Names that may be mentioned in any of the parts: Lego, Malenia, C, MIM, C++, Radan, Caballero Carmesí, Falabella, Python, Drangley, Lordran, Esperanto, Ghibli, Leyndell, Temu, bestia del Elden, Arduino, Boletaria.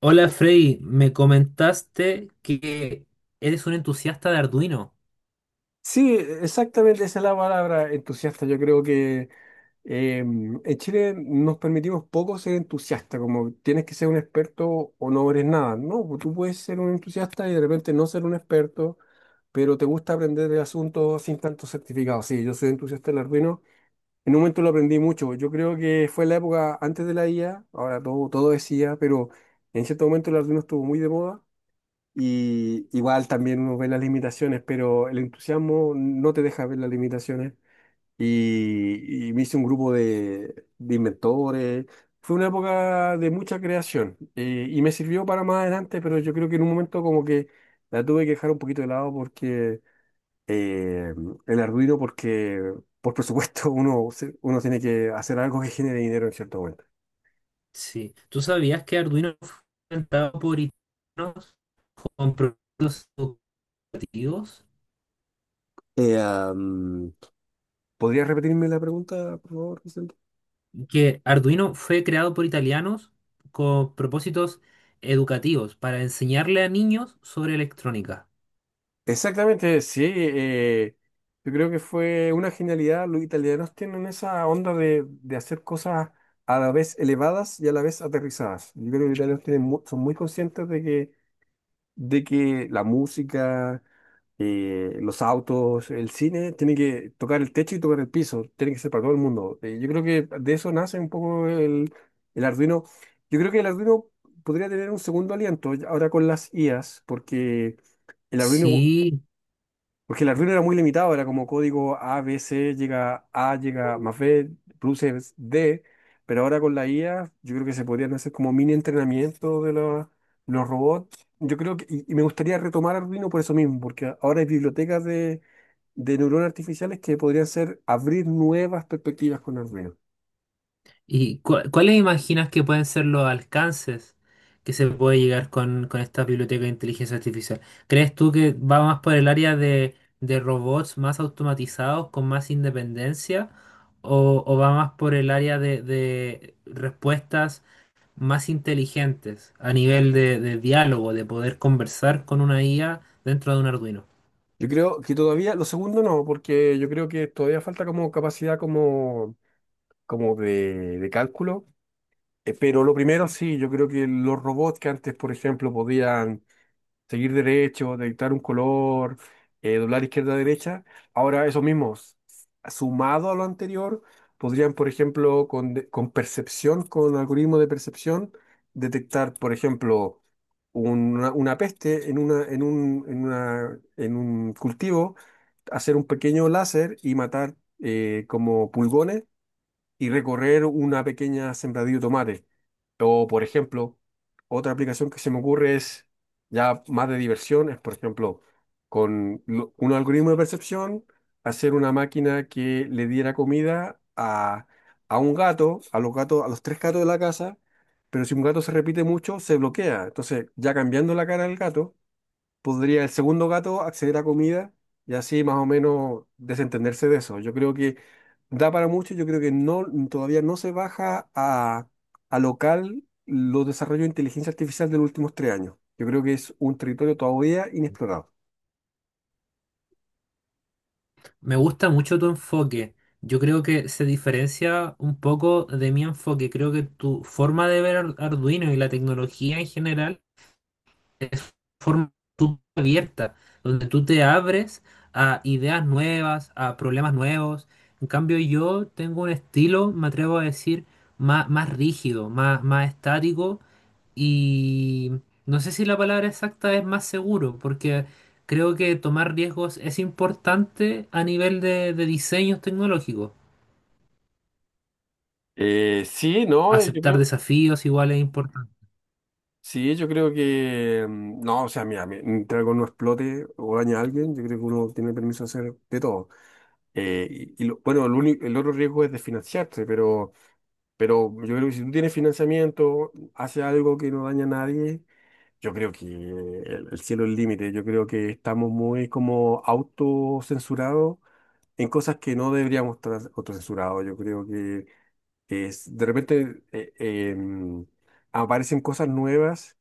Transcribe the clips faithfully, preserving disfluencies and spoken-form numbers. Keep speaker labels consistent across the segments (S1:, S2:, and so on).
S1: Hola Freddy, me comentaste que eres un entusiasta de Arduino.
S2: Sí, exactamente esa es la palabra, entusiasta. Yo creo que eh, en Chile nos permitimos poco ser entusiasta, como tienes que ser un experto o no eres nada. No, pues tú puedes ser un entusiasta y de repente no ser un experto, pero te gusta aprender de asuntos sin tanto certificado. Sí, yo soy entusiasta del Arduino. En un momento lo aprendí mucho. Yo creo que fue la época antes de la I A, ahora todo, todo es I A, pero en cierto momento el Arduino estuvo muy de moda. Y igual también uno ve las limitaciones, pero el entusiasmo no te deja ver las limitaciones. Y, y me hice un grupo de, de inventores. Fue una época de mucha creación, eh, y me sirvió para más adelante, pero yo creo que en un momento como que la tuve que dejar un poquito de lado porque eh, el Arduino, porque por presupuesto uno, se- uno tiene que hacer algo que genere dinero en cierto momento.
S1: Sí, ¿tú sabías que Arduino fue inventado por italianos con propósitos educativos?
S2: Eh, am, ¿podrías repetirme la pregunta, por favor?
S1: Que Arduino fue creado por italianos con propósitos educativos para enseñarle a niños sobre electrónica.
S2: Exactamente, sí. Eh, yo creo que fue una genialidad. Los italianos tienen esa onda de, de hacer cosas a la vez elevadas y a la vez aterrizadas. Yo creo que los italianos tienen mu- son muy conscientes de que, de que la música, eh, los autos, el cine, tiene que tocar el techo y tocar el piso. Tiene que ser para todo el mundo. Eh, yo creo que de eso nace un poco el, el Arduino. Yo creo que el Arduino podría tener un segundo aliento ahora con las I As, porque… El Arduino,
S1: Sí,
S2: porque el Arduino era muy limitado, era como código A, B, C, llega A, llega más B, produce D, pero ahora con la I A yo creo que se podrían hacer como mini entrenamiento de la- los robots. Yo creo que, y, y me gustaría retomar Arduino por eso mismo, porque ahora hay bibliotecas de, de neuronas artificiales que podrían ser abrir nuevas perspectivas con Arduino.
S1: ¿Y cua- cuáles imaginas que pueden ser los alcances que se puede llegar con, con esta biblioteca de inteligencia artificial? ¿Crees tú que va más por el área de, de robots más automatizados, con más independencia? ¿O, o va más por el área de, de respuestas más inteligentes a nivel de, de diálogo, de poder conversar con una I A dentro de un Arduino?
S2: Yo creo que todavía, lo segundo no, porque yo creo que todavía falta como capacidad como, como de, de cálculo. Eh, Pero lo primero, sí, yo creo que los robots que antes, por ejemplo, podían seguir derecho, detectar un color, eh, doblar izquierda a derecha, ahora esos mismos, sumado a lo anterior, podrían, por ejemplo, con, de- con percepción, con algoritmo de percepción, detectar, por ejemplo, una, una peste en una, en un, en una, en un cultivo, hacer un pequeño láser y matar, eh, como pulgones, y recorrer una pequeña sembradilla de tomate. O, por ejemplo, otra aplicación que se me ocurre es ya más de diversión, es, por ejemplo, con lo- un algoritmo de percepción, hacer una máquina que le diera comida a, a un gato, a los gatos, a los tres gatos de la casa, pero si un gato se repite mucho, se bloquea. Entonces, ya cambiando la cara del gato podría el segundo gato acceder a comida y así más o menos desentenderse de eso. Yo creo que da para mucho, yo creo que no, todavía no se baja a, a local los desarrollos de inteligencia artificial de los últimos tres años. Yo creo que es un territorio todavía inexplorado.
S1: Me gusta mucho tu enfoque. Yo creo que se diferencia un poco de mi enfoque. Creo que tu forma de ver Ar- Arduino y la tecnología en general es forma tú- abierta, donde tú te abres a ideas nuevas, a problemas nuevos. En cambio, yo tengo un estilo, me atrevo a decir, má- más, rígido, más, más, estático, y no sé si la palabra exacta es más seguro, porque creo que tomar riesgos es importante a nivel de, de diseños tecnológicos.
S2: Eh, sí, no, yo
S1: Aceptar
S2: creo,
S1: desafíos igual es importante.
S2: sí, yo creo que, mm, no, o sea, mira, mi- mientras algo no explote o daña a alguien, yo creo que uno tiene permiso de hacer de todo. Eh, y, y lo- bueno, el, único, el otro riesgo es desfinanciarse, pero, pero yo creo que si tú tienes financiamiento, haces algo que no daña a nadie, yo creo que el, el cielo es el límite. Yo creo que estamos muy como autocensurados en cosas que no deberíamos estar autocensurados. Yo creo que es, de repente eh, em, aparecen cosas nuevas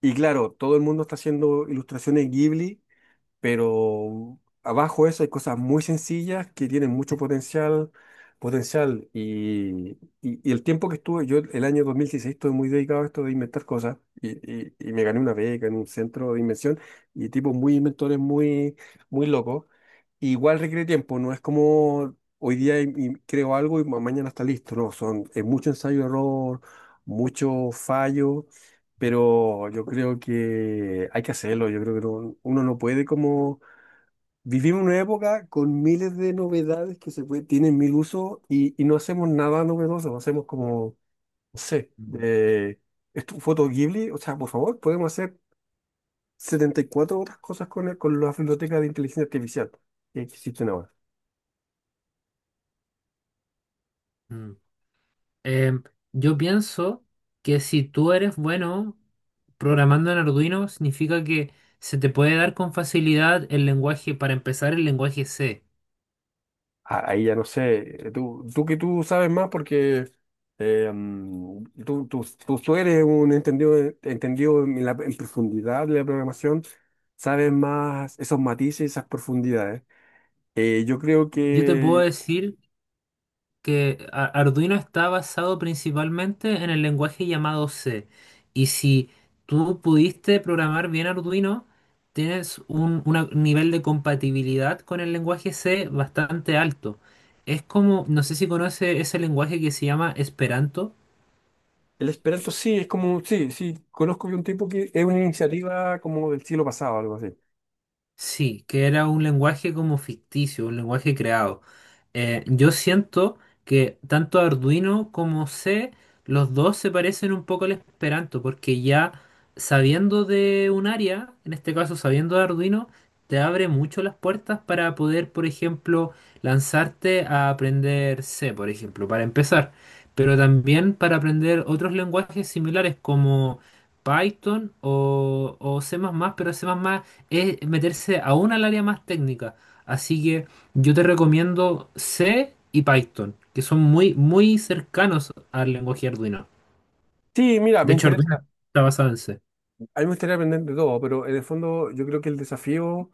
S2: y claro, todo el mundo está haciendo ilustraciones Ghibli, pero abajo de eso hay cosas muy sencillas que tienen mucho potencial, potencial y, y- y el tiempo que estuve, yo el año dos mil dieciséis estuve muy dedicado a esto de inventar cosas y, y- y me gané una beca en un centro de invención y tipos muy inventores, muy, muy locos. Igual requiere tiempo, no es como hoy día im- im- creo algo y ma- mañana está listo, no, son, es mucho ensayo-error, mucho fallo, pero yo creo que hay que hacerlo, yo creo que no- uno no puede como… Vivimos una época con miles de novedades que se puede- tienen mil usos y, y no hacemos nada novedoso, no hacemos como, no sé,
S1: Mm.
S2: eh, esto, foto Ghibli, o sea, por favor, podemos hacer setenta y cuatro otras cosas con, el- con la biblioteca de inteligencia artificial que existen ahora.
S1: Mm. Em, yo pienso que si tú eres bueno programando en Arduino, significa que se te puede dar con facilidad el lenguaje, para empezar, el lenguaje C.
S2: a- Ahí ya no sé, eh, tú, tú que tú sabes más porque eh, mm, tú, tú, tú, tú eres un entendido, eh, entendido en, la, en profundidad de la programación, sabes más esos matices, esas profundidades. Eh, yo creo
S1: Yo te puedo
S2: que
S1: decir que a- Arduino está basado principalmente en el lenguaje llamado C. Y si tú pudiste programar bien Arduino, tienes un, una- un nivel de compatibilidad con el lenguaje C bastante alto. Es como, no sé si conoce ese lenguaje que se llama Esperanto.
S2: el Esperanto sí, es como, sí, sí, conozco de un tipo que es una iniciativa como del siglo pasado, algo así.
S1: Sí, que era un lenguaje como ficticio, un lenguaje creado. Eh, yo siento que tanto Arduino como C, los dos se parecen un poco al Esperanto, porque ya sabiendo de un área, en este caso sabiendo de Arduino, te abre mucho las puertas para poder, por ejemplo, lanzarte a aprender C, por ejemplo, para empezar, pero también para aprender otros lenguajes similares como Python o, o C++, pero C++ es meterse aún al área más técnica. Así que yo te recomiendo C y Python, que son muy, muy cercanos al lenguaje Arduino.
S2: Sí, mira,
S1: De
S2: me
S1: hecho, Arduino
S2: interesa.
S1: está basado en C.
S2: A mí me gustaría aprender de todo, pero en el fondo yo creo que el desafío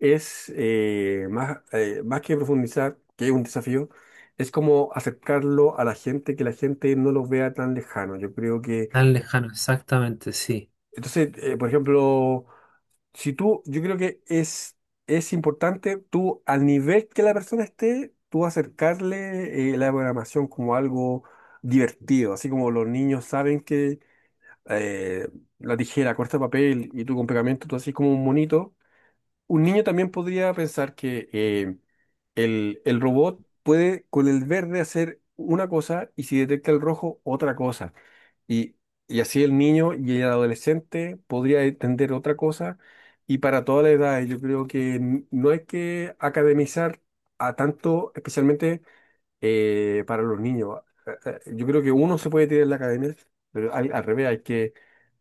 S2: es, eh, más, eh, más que profundizar, que es un desafío, es como acercarlo a la gente, que la gente no lo vea tan lejano. Yo creo que,
S1: Tan lejano, exactamente, sí,
S2: entonces, eh, por ejemplo, si tú, yo creo que es, es importante tú, al nivel que la persona esté, tú acercarle, eh, la programación como algo divertido, así como los niños saben que eh, la tijera corta papel y tú con pegamento, tú haces como un monito. Un niño también podría pensar que, eh, el, el robot puede con el verde hacer una cosa y si detecta el rojo, otra cosa. Y, y así el niño y el adolescente podría entender otra cosa. Y para toda la edad, yo creo que n- no hay que academizar a tanto, especialmente eh, para los niños. Eh, eh, Yo creo que uno se puede tirar en la academia, pero al, al revés, hay que,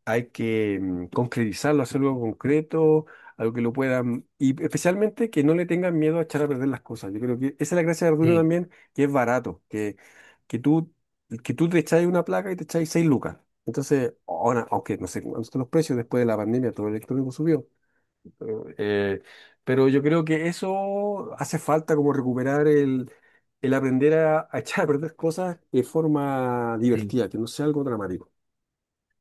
S2: hay que mm, concretizarlo, hacer algo concreto, algo que lo puedan, y especialmente que no le tengan miedo a echar a perder las cosas. Yo creo que esa es la gracia de Arduino
S1: sí,
S2: también, que es barato, que, que tú, que tú te echáis una placa y te echáis seis lucas. Entonces, ahora, aunque no sé cuántos son los precios después de la pandemia, todo el electrónico subió, eh, pero yo creo que eso hace falta como recuperar el, el aprender a, a echar a perder cosas de forma
S1: sí.
S2: divertida, que no sea algo dramático.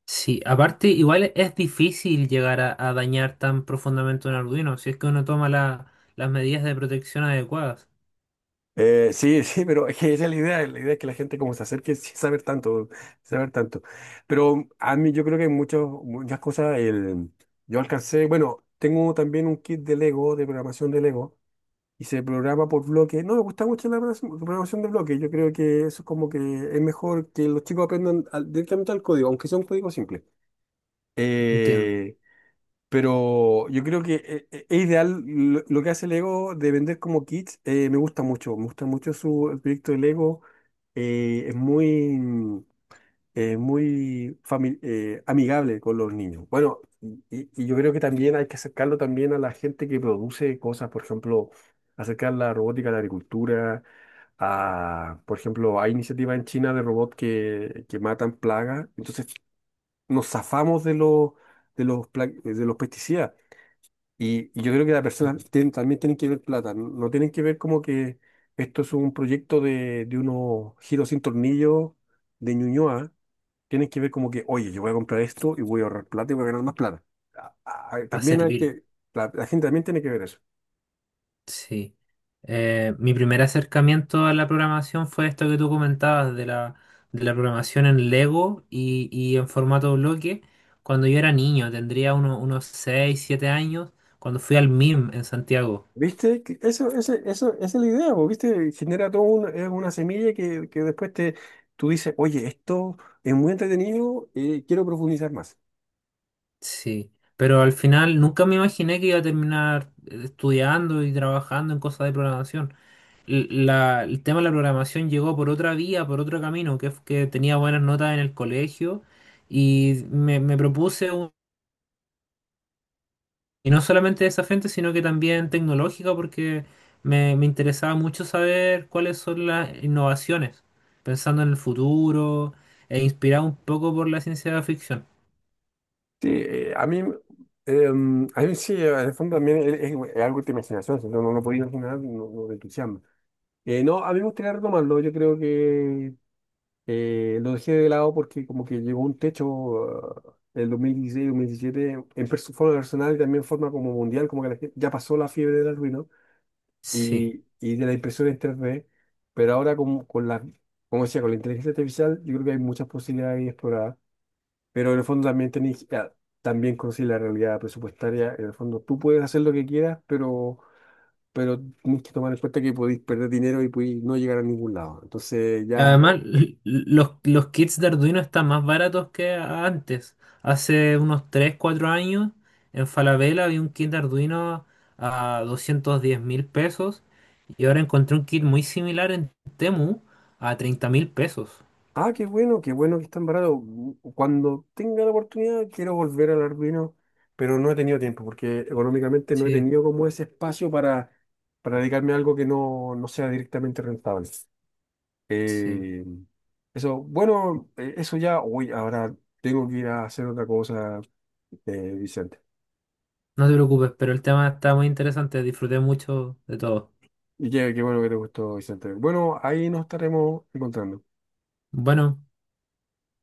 S1: Sí, aparte igual es difícil llegar a, a dañar tan profundamente un Arduino si es que uno toma la- las medidas de protección adecuadas.
S2: Eh, sí, sí, pero es que esa es la idea, la idea es que la gente como se acerque sin saber tanto, sin saber tanto. Pero a mí yo creo que hay muchas, muchas cosas, el, yo alcancé, bueno, tengo también un kit de Lego, de programación de Lego, y se programa por bloque. No, me gusta mucho la programación programación de bloque. Yo creo que eso es como que es mejor que los chicos aprendan al- directamente al código, aunque sea un código simple.
S1: Entiendo.
S2: Eh, pero yo creo que eh, eh, es ideal lo, lo que hace Lego de vender como kits. Eh, me gusta mucho, me gusta mucho su, el proyecto de Lego. Eh, es muy, eh, muy fami- eh, amigable con los niños. Bueno, y, y- y yo creo que también hay que acercarlo también a la gente que produce cosas, por ejemplo, acercar la robótica a la agricultura, a, por ejemplo, hay iniciativas en China de robots que, que matan plagas, entonces nos zafamos de los, de los, pla- de los pesticidas. Y, y yo creo que las personas tienen- también tienen que ver plata, no no tienen que ver como que esto es un proyecto de, de unos giros sin tornillo de Ñuñoa, tienen que ver como que, oye, yo voy a comprar esto y voy a ahorrar plata y voy a ganar más plata. a- a-
S1: Va a
S2: También hay
S1: servir.
S2: que, la, la gente también tiene que ver eso.
S1: Sí. Eh, mi primer acercamiento a la programación fue esto que tú comentabas de la, de la programación en Lego y, y en formato bloque. Cuando yo era niño, tendría uno- unos seis siete años, cuando fui al MIM en Santiago.
S2: ¿Viste? Que Eso, ese- eso, esa es la idea, po, ¿viste? Genera todo un- es una semilla que, que después te, tú dices, oye, esto es muy entretenido, eh, quiero profundizar más.
S1: Sí. Pero al final nunca me imaginé que iba a terminar eh, estudiando y trabajando en cosas de programación. L- la- el tema de la programación llegó por otra vía, por otro camino, que, f- que tenía buenas notas en el colegio y me, me propuse Y no solamente de esa frente, sino que también tecnológica, porque me, me interesaba mucho saber cuáles son las innovaciones, pensando en el futuro, e inspirado un poco por la ciencia de la ficción.
S2: Sí, eh, a mí, em, a mí sí, en el fondo también es, es- es algo de imaginación, si no, no lo podía imaginar, no, no te entusiasma. Eh, no, a mí me gustaría retomarlo, yo creo que… Eh, lo dejé de lado porque como que llegó un techo en el dos mil dieciséis dos mil diecisiete en perso- forma personal y también en forma como mundial, como que la gen- ya pasó la fiebre del Arduino
S1: Sí.
S2: y, y de la impresión en tres D, pero ahora con, con la, como decía, con la inteligencia artificial yo creo que hay muchas posibilidades ahí exploradas, pero en el fondo también tenéis, ah, también conocí la realidad presupuestaria, en el fondo tú puedes hacer lo que quieras, pero… pero tienes que tomar en cuenta que podéis perder dinero y podéis no llegar a ningún lado. Entonces ya…
S1: Además, l- l- los, los kits de Arduino están más baratos que antes. Hace unos tres cuatro años, en Falabella había un kit de Arduino a doscientos diez mil pesos, y ahora encontré un kit muy similar en Temu a treinta mil pesos.
S2: Ah, qué bueno, qué bueno que están baratos. Mm, Cuando tenga la oportunidad quiero volver al Arduino, pero no he tenido tiempo porque económicamente no he
S1: Sí,
S2: tenido como ese espacio para, para dedicarme a algo que no, no sea directamente rentable.
S1: sí.
S2: Eh, eso, bueno, eh, eso ya, uy, ahora tengo que ir a hacer otra cosa, eh, Vicente.
S1: No te preocupes, pero el tema está muy interesante. Disfruté mucho de todo.
S2: Y qué, qué bueno que te gustó, Vicente. Bueno, ahí nos estaremos encontrando.
S1: Bueno.